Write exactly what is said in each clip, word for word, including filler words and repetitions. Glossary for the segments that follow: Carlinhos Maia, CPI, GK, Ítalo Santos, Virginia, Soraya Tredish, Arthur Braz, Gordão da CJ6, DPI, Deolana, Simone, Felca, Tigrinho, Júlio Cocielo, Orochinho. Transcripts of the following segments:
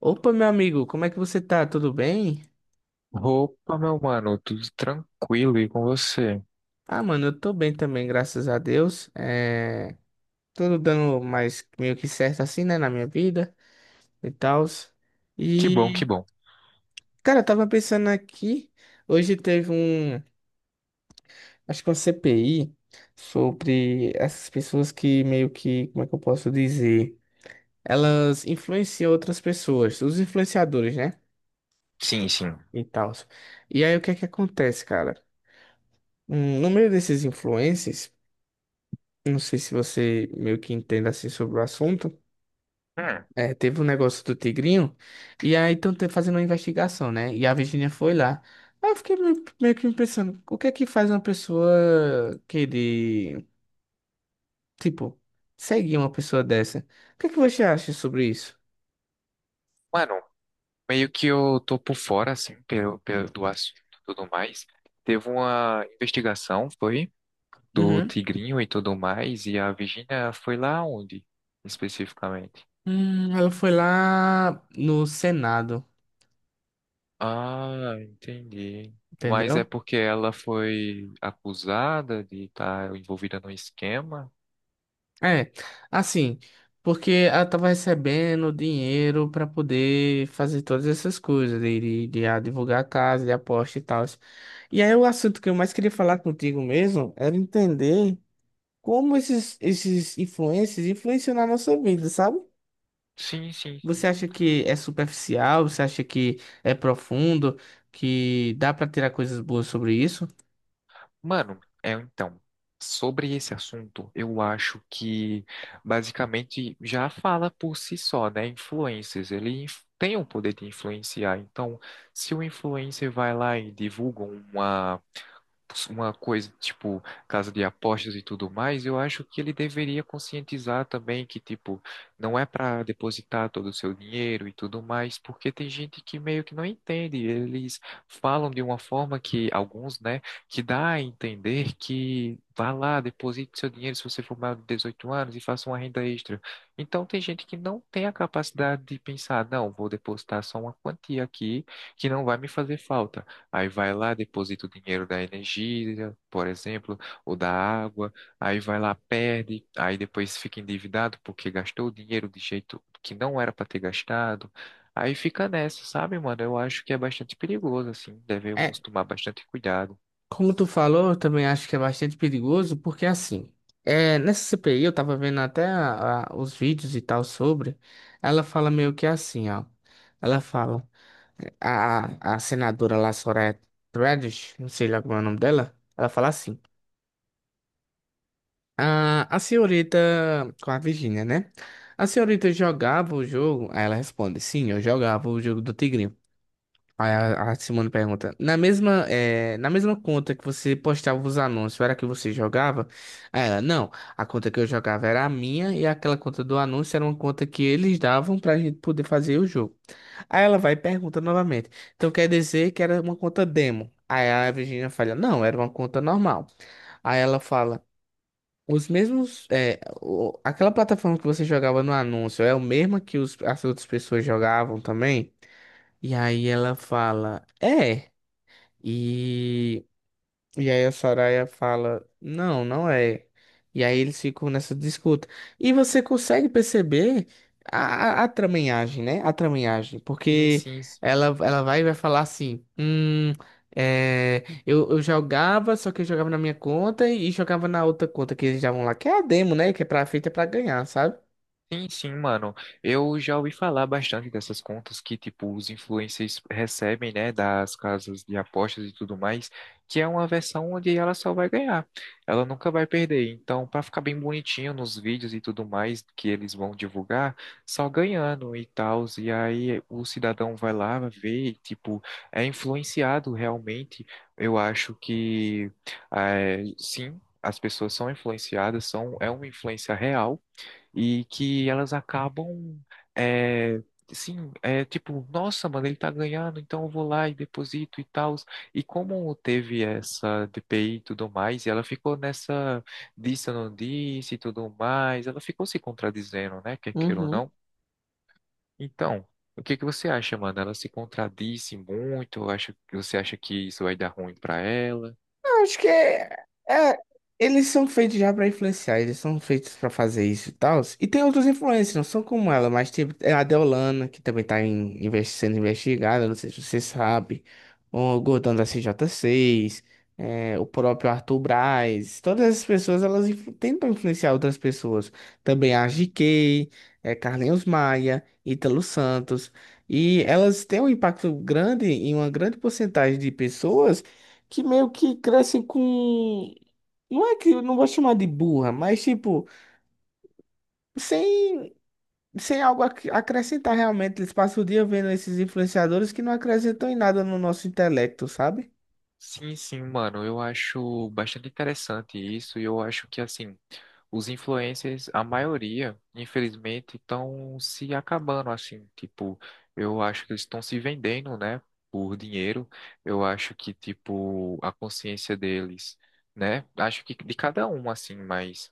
Opa, meu amigo, como é que você tá? Tudo bem? Opa, meu mano, tudo tranquilo e com você? Ah, mano, eu tô bem também, graças a Deus. É. Tudo dando mais meio que certo assim, né, na minha vida e tal. Que bom, que E, bom. cara, eu tava pensando aqui, hoje teve um, acho que uma C P I sobre essas pessoas que meio que, como é que eu posso dizer? Elas influenciam outras pessoas, os influenciadores, né? Sim, sim. E tal. E aí, o que é que acontece, cara? Hum, No meio desses influencers. Não sei se você meio que entende assim sobre o assunto. Hum, É, teve um negócio do Tigrinho, e aí estão fazendo uma investigação, né? E a Virginia foi lá. Aí eu fiquei meio, meio que me pensando, o que é que faz uma pessoa querer, tipo, seguir uma pessoa dessa? O que é que você acha sobre isso? Mano, meio que eu tô por fora, assim, pelo, pelo do assunto e tudo mais. Teve uma investigação, foi, do Uhum. Tigrinho e tudo mais, e a Virginia foi lá onde, especificamente? Hum, ela foi lá no Senado, Ah, entendi. Mas é entendeu? porque ela foi acusada de estar envolvida no esquema? É, assim, porque ela tava recebendo dinheiro para poder fazer todas essas coisas, de, de, de advogar a casa, de aposta e tal. E aí o assunto que eu mais queria falar contigo mesmo era entender como esses, esses influencers influenciam na nossa vida, sabe? Sim, sim. Você acha que é superficial? Você acha que é profundo? Que dá para tirar coisas boas sobre isso? Mano, é então, sobre esse assunto, eu acho que basicamente já fala por si só, né? Influencers, ele inf- tem o poder de influenciar. Então, se o influencer vai lá e divulga uma uma coisa tipo casa de apostas e tudo mais, eu acho que ele deveria conscientizar também que tipo não é para depositar todo o seu dinheiro e tudo mais, porque tem gente que meio que não entende, eles falam de uma forma que alguns, né, que dá a entender que vá lá, deposite seu dinheiro se você for maior de dezoito anos e faça uma renda extra. Então tem gente que não tem a capacidade de pensar, não, vou depositar só uma quantia aqui que não vai me fazer falta. Aí vai lá, deposita o dinheiro da energia, por exemplo, ou da água. Aí vai lá, perde. Aí depois fica endividado porque gastou o dinheiro de jeito que não era para ter gastado. Aí fica nessa, sabe, mano? Eu acho que é bastante perigoso, assim. É, Devemos tomar bastante cuidado. como tu falou, eu também acho que é bastante perigoso, porque assim, é, nessa C P I, eu tava vendo até a- a- os vídeos e tal sobre, ela fala meio que assim, ó. Ela fala, a, a senadora lá, Soraya Tredish, não sei lá como é o nome dela, ela fala assim, a, a senhorita, com a Virgínia, né? A senhorita jogava o jogo, aí ela responde, sim, eu jogava o jogo do Tigrinho. Aí a, a Simone pergunta: na mesma, eh, na mesma conta que você postava os anúncios, era a que você jogava? Aí ela: não, a conta que eu jogava era a minha e aquela conta do anúncio era uma conta que eles davam pra gente poder fazer o jogo. Aí ela vai e pergunta novamente: então quer dizer que era uma conta demo? Aí a Virginia fala: não, era uma conta normal. Aí ela fala: os mesmos, eh, o- aquela plataforma que você jogava no anúncio é a mesma que os, as outras pessoas jogavam também? E aí ela fala, é. E, e aí a Soraya fala, não, não é. E aí eles ficam nessa disputa. E você consegue perceber a, a, a tramanhagem, né? A tramanhagem. Sim, Porque sim. Sim. ela, ela vai e vai falar assim, hum, é, eu, eu jogava, só que eu jogava na minha conta e jogava na outra conta que eles estavam lá. Que é a demo, né? Que é pra, feita pra ganhar, sabe? Sim, sim, mano. Eu já ouvi falar bastante dessas contas que, tipo, os influencers recebem, né, das casas de apostas e tudo mais, que é uma versão onde ela só vai ganhar. Ela nunca vai perder. Então, pra ficar bem bonitinho nos vídeos e tudo mais que eles vão divulgar, só ganhando e tal. E aí o cidadão vai lá, vê, e, tipo, é influenciado realmente. Eu acho que, eh, sim. As pessoas são influenciadas, são, é uma influência real, e que elas acabam, é, sim, é tipo, nossa, mano, ele tá ganhando, então eu vou lá e deposito e tal. E como teve essa D P I e tudo mais, e ela ficou nessa disse, eu não disse e tudo mais, ela ficou se contradizendo, né, quer queira ou Uhum. não. Então, o que que você acha, mano? Ela se contradisse muito? Acha, você acha que isso vai dar ruim pra ela? Eu acho que é, é- eles são feitos já pra influenciar, eles são feitos pra fazer isso e tal. E tem outros influencers, não são como ela, mas tipo, é a Deolana, que também tá em- investi- sendo investigada, não sei se você sabe. O Gordão da C J seis, é, o próprio Arthur Braz, todas essas pessoas elas influ- tentam influenciar outras pessoas. Também a G K, é, Carlinhos Maia, Ítalo Santos. E elas têm um impacto grande em uma grande porcentagem de pessoas que meio que crescem com. Não é que eu não vou chamar de burra, mas tipo, sem, sem algo a acrescentar realmente. Eles passam o dia vendo esses influenciadores que não acrescentam em nada no nosso intelecto, sabe? Sim, sim, mano, eu acho bastante interessante isso e eu acho que, assim, os influencers, a maioria, infelizmente, estão se acabando, assim, tipo, eu acho que eles estão se vendendo, né, por dinheiro, eu acho que, tipo, a consciência deles, né, acho que de cada um, assim, mas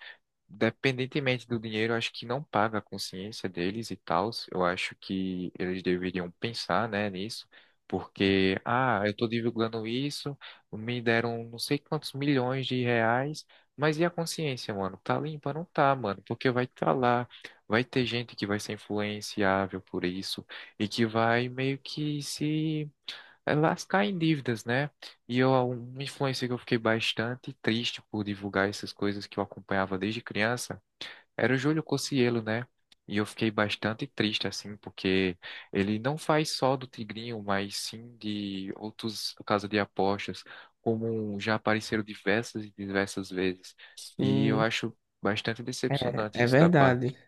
dependentemente do dinheiro, eu acho que não paga a consciência deles e tal. Eu acho que eles deveriam pensar, né, nisso, porque, ah, eu estou divulgando isso, me deram não sei quantos milhões de reais, mas e a consciência, mano? Tá limpa? Não tá, mano, porque vai estar lá, vai ter gente que vai ser influenciável por isso e que vai meio que se é, lascar em dívidas, né? E eu, uma influência que eu fiquei bastante triste por divulgar essas coisas que eu acompanhava desde criança era o Júlio Cocielo, né? E eu fiquei bastante triste, assim, porque ele não faz só do Tigrinho, mas sim de outros casas de apostas, como um, já apareceram diversas e diversas vezes. E eu Sim, acho bastante é, decepcionante é isso da verdade. parte.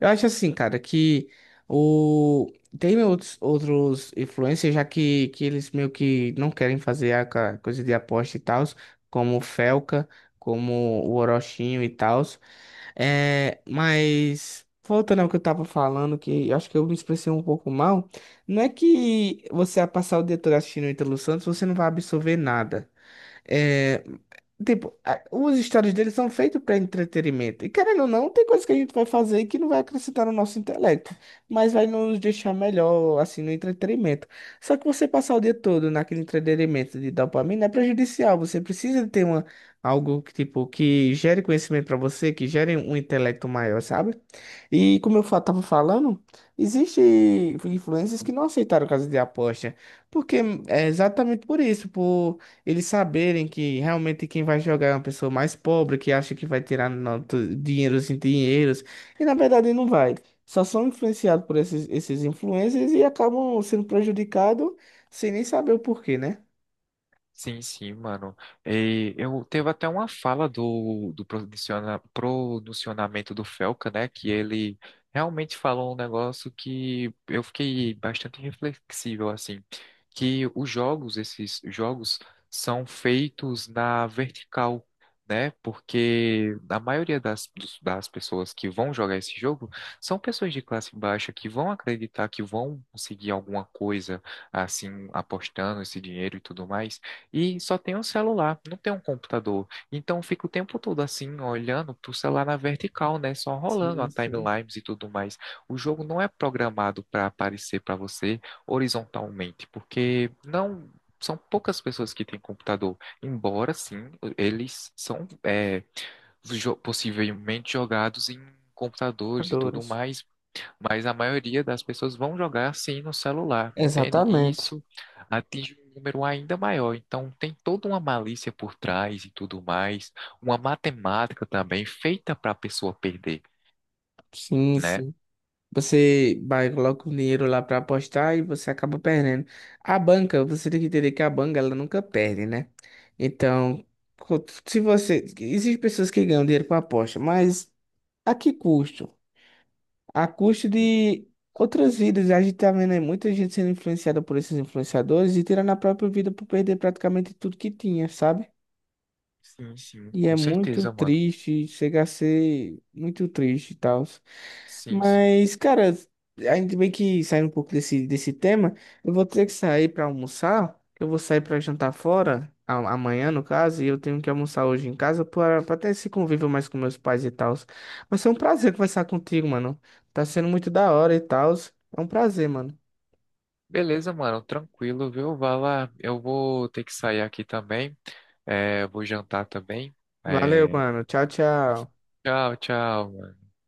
Eu acho assim, cara, que o tem outros outros influencers já que, que eles meio que não querem fazer a ca- coisa de aposta e tal, como o Felca, como o Orochinho e tal. É, mas voltando ao que eu tava falando, que eu acho que eu me expressei um pouco mal, não é que você a passar o dia todo assistindo o Ítalo Santos, você não vai absorver nada. É, tipo, a- os stories deles são feitos para entretenimento. E querendo ou não, tem coisa que a gente vai fazer que não vai acrescentar no nosso intelecto, mas vai nos deixar melhor, assim, no entretenimento. Só que você passar o dia todo naquele entretenimento de dopamina é prejudicial. Você precisa ter uma, algo que, tipo, que gere conhecimento para você, que gere um intelecto maior, sabe? E como eu fa- tava falando, existe influencers que não aceitaram caso de aposta, porque é exatamente por isso, por eles saberem que realmente quem vai jogar é uma pessoa mais pobre, que acha que vai tirar nota- dinheiros em dinheiros, e na verdade não vai. Só são influenciados por esses, esses influencers e acabam sendo prejudicados sem nem saber o porquê, né? Sim, sim, mano. E eu teve até uma fala do, do pronunciona- pronunciamento do Felca, né? Que ele realmente falou um negócio que eu fiquei bastante reflexível, assim, que os jogos, esses jogos, são feitos na vertical, né? Porque a maioria das, dos- das pessoas que vão jogar esse jogo são pessoas de classe baixa que vão acreditar que vão conseguir alguma coisa, assim, apostando esse dinheiro e tudo mais. E só tem um celular, não tem um computador. Então eu fico o tempo todo assim, olhando pro celular na vertical, né? Só rolando a Sim, sim. timelines e tudo mais. O jogo não é programado para aparecer para você horizontalmente, porque não são poucas pessoas que têm computador. Embora sim, eles são é, jo- possivelmente jogados em computadores e tudo Jogadores. mais, mas a maioria das pessoas vão jogar assim no celular, entende? E Exatamente. isso atinge um número ainda maior. Então, tem toda uma malícia por trás e tudo mais, uma matemática também feita para a pessoa perder, Sim, né? sim. Você vai, coloca o dinheiro lá para apostar e você acaba perdendo. A banca, você tem que entender que a banca, ela nunca perde, né? Então, co- se você. Existem pessoas que ganham dinheiro com aposta, mas a que custo? A custo E- de outras vidas. A gente tá vendo aí muita gente sendo influenciada por esses influenciadores e tirando a própria vida por perder praticamente tudo que tinha, sabe? Sim, sim, E é com muito certeza, mano. triste, chega a ser muito triste e tal. Sim, sim. Mas, cara, ainda bem que saindo um pouco desse, desse, tema, eu vou ter que sair pra almoçar. Eu vou sair pra jantar fora, a- amanhã no caso, e eu tenho que almoçar hoje em casa pra pra ter esse convívio mais com meus pais e tal. Mas foi um prazer conversar contigo, mano. Tá sendo muito da hora e tal. É um prazer, mano. Beleza, mano, tranquilo, viu? Vai lá. Eu vou ter que sair aqui também. É, vou jantar também. Valeu, É, mano. Tchau, tchau. tchau, tchau.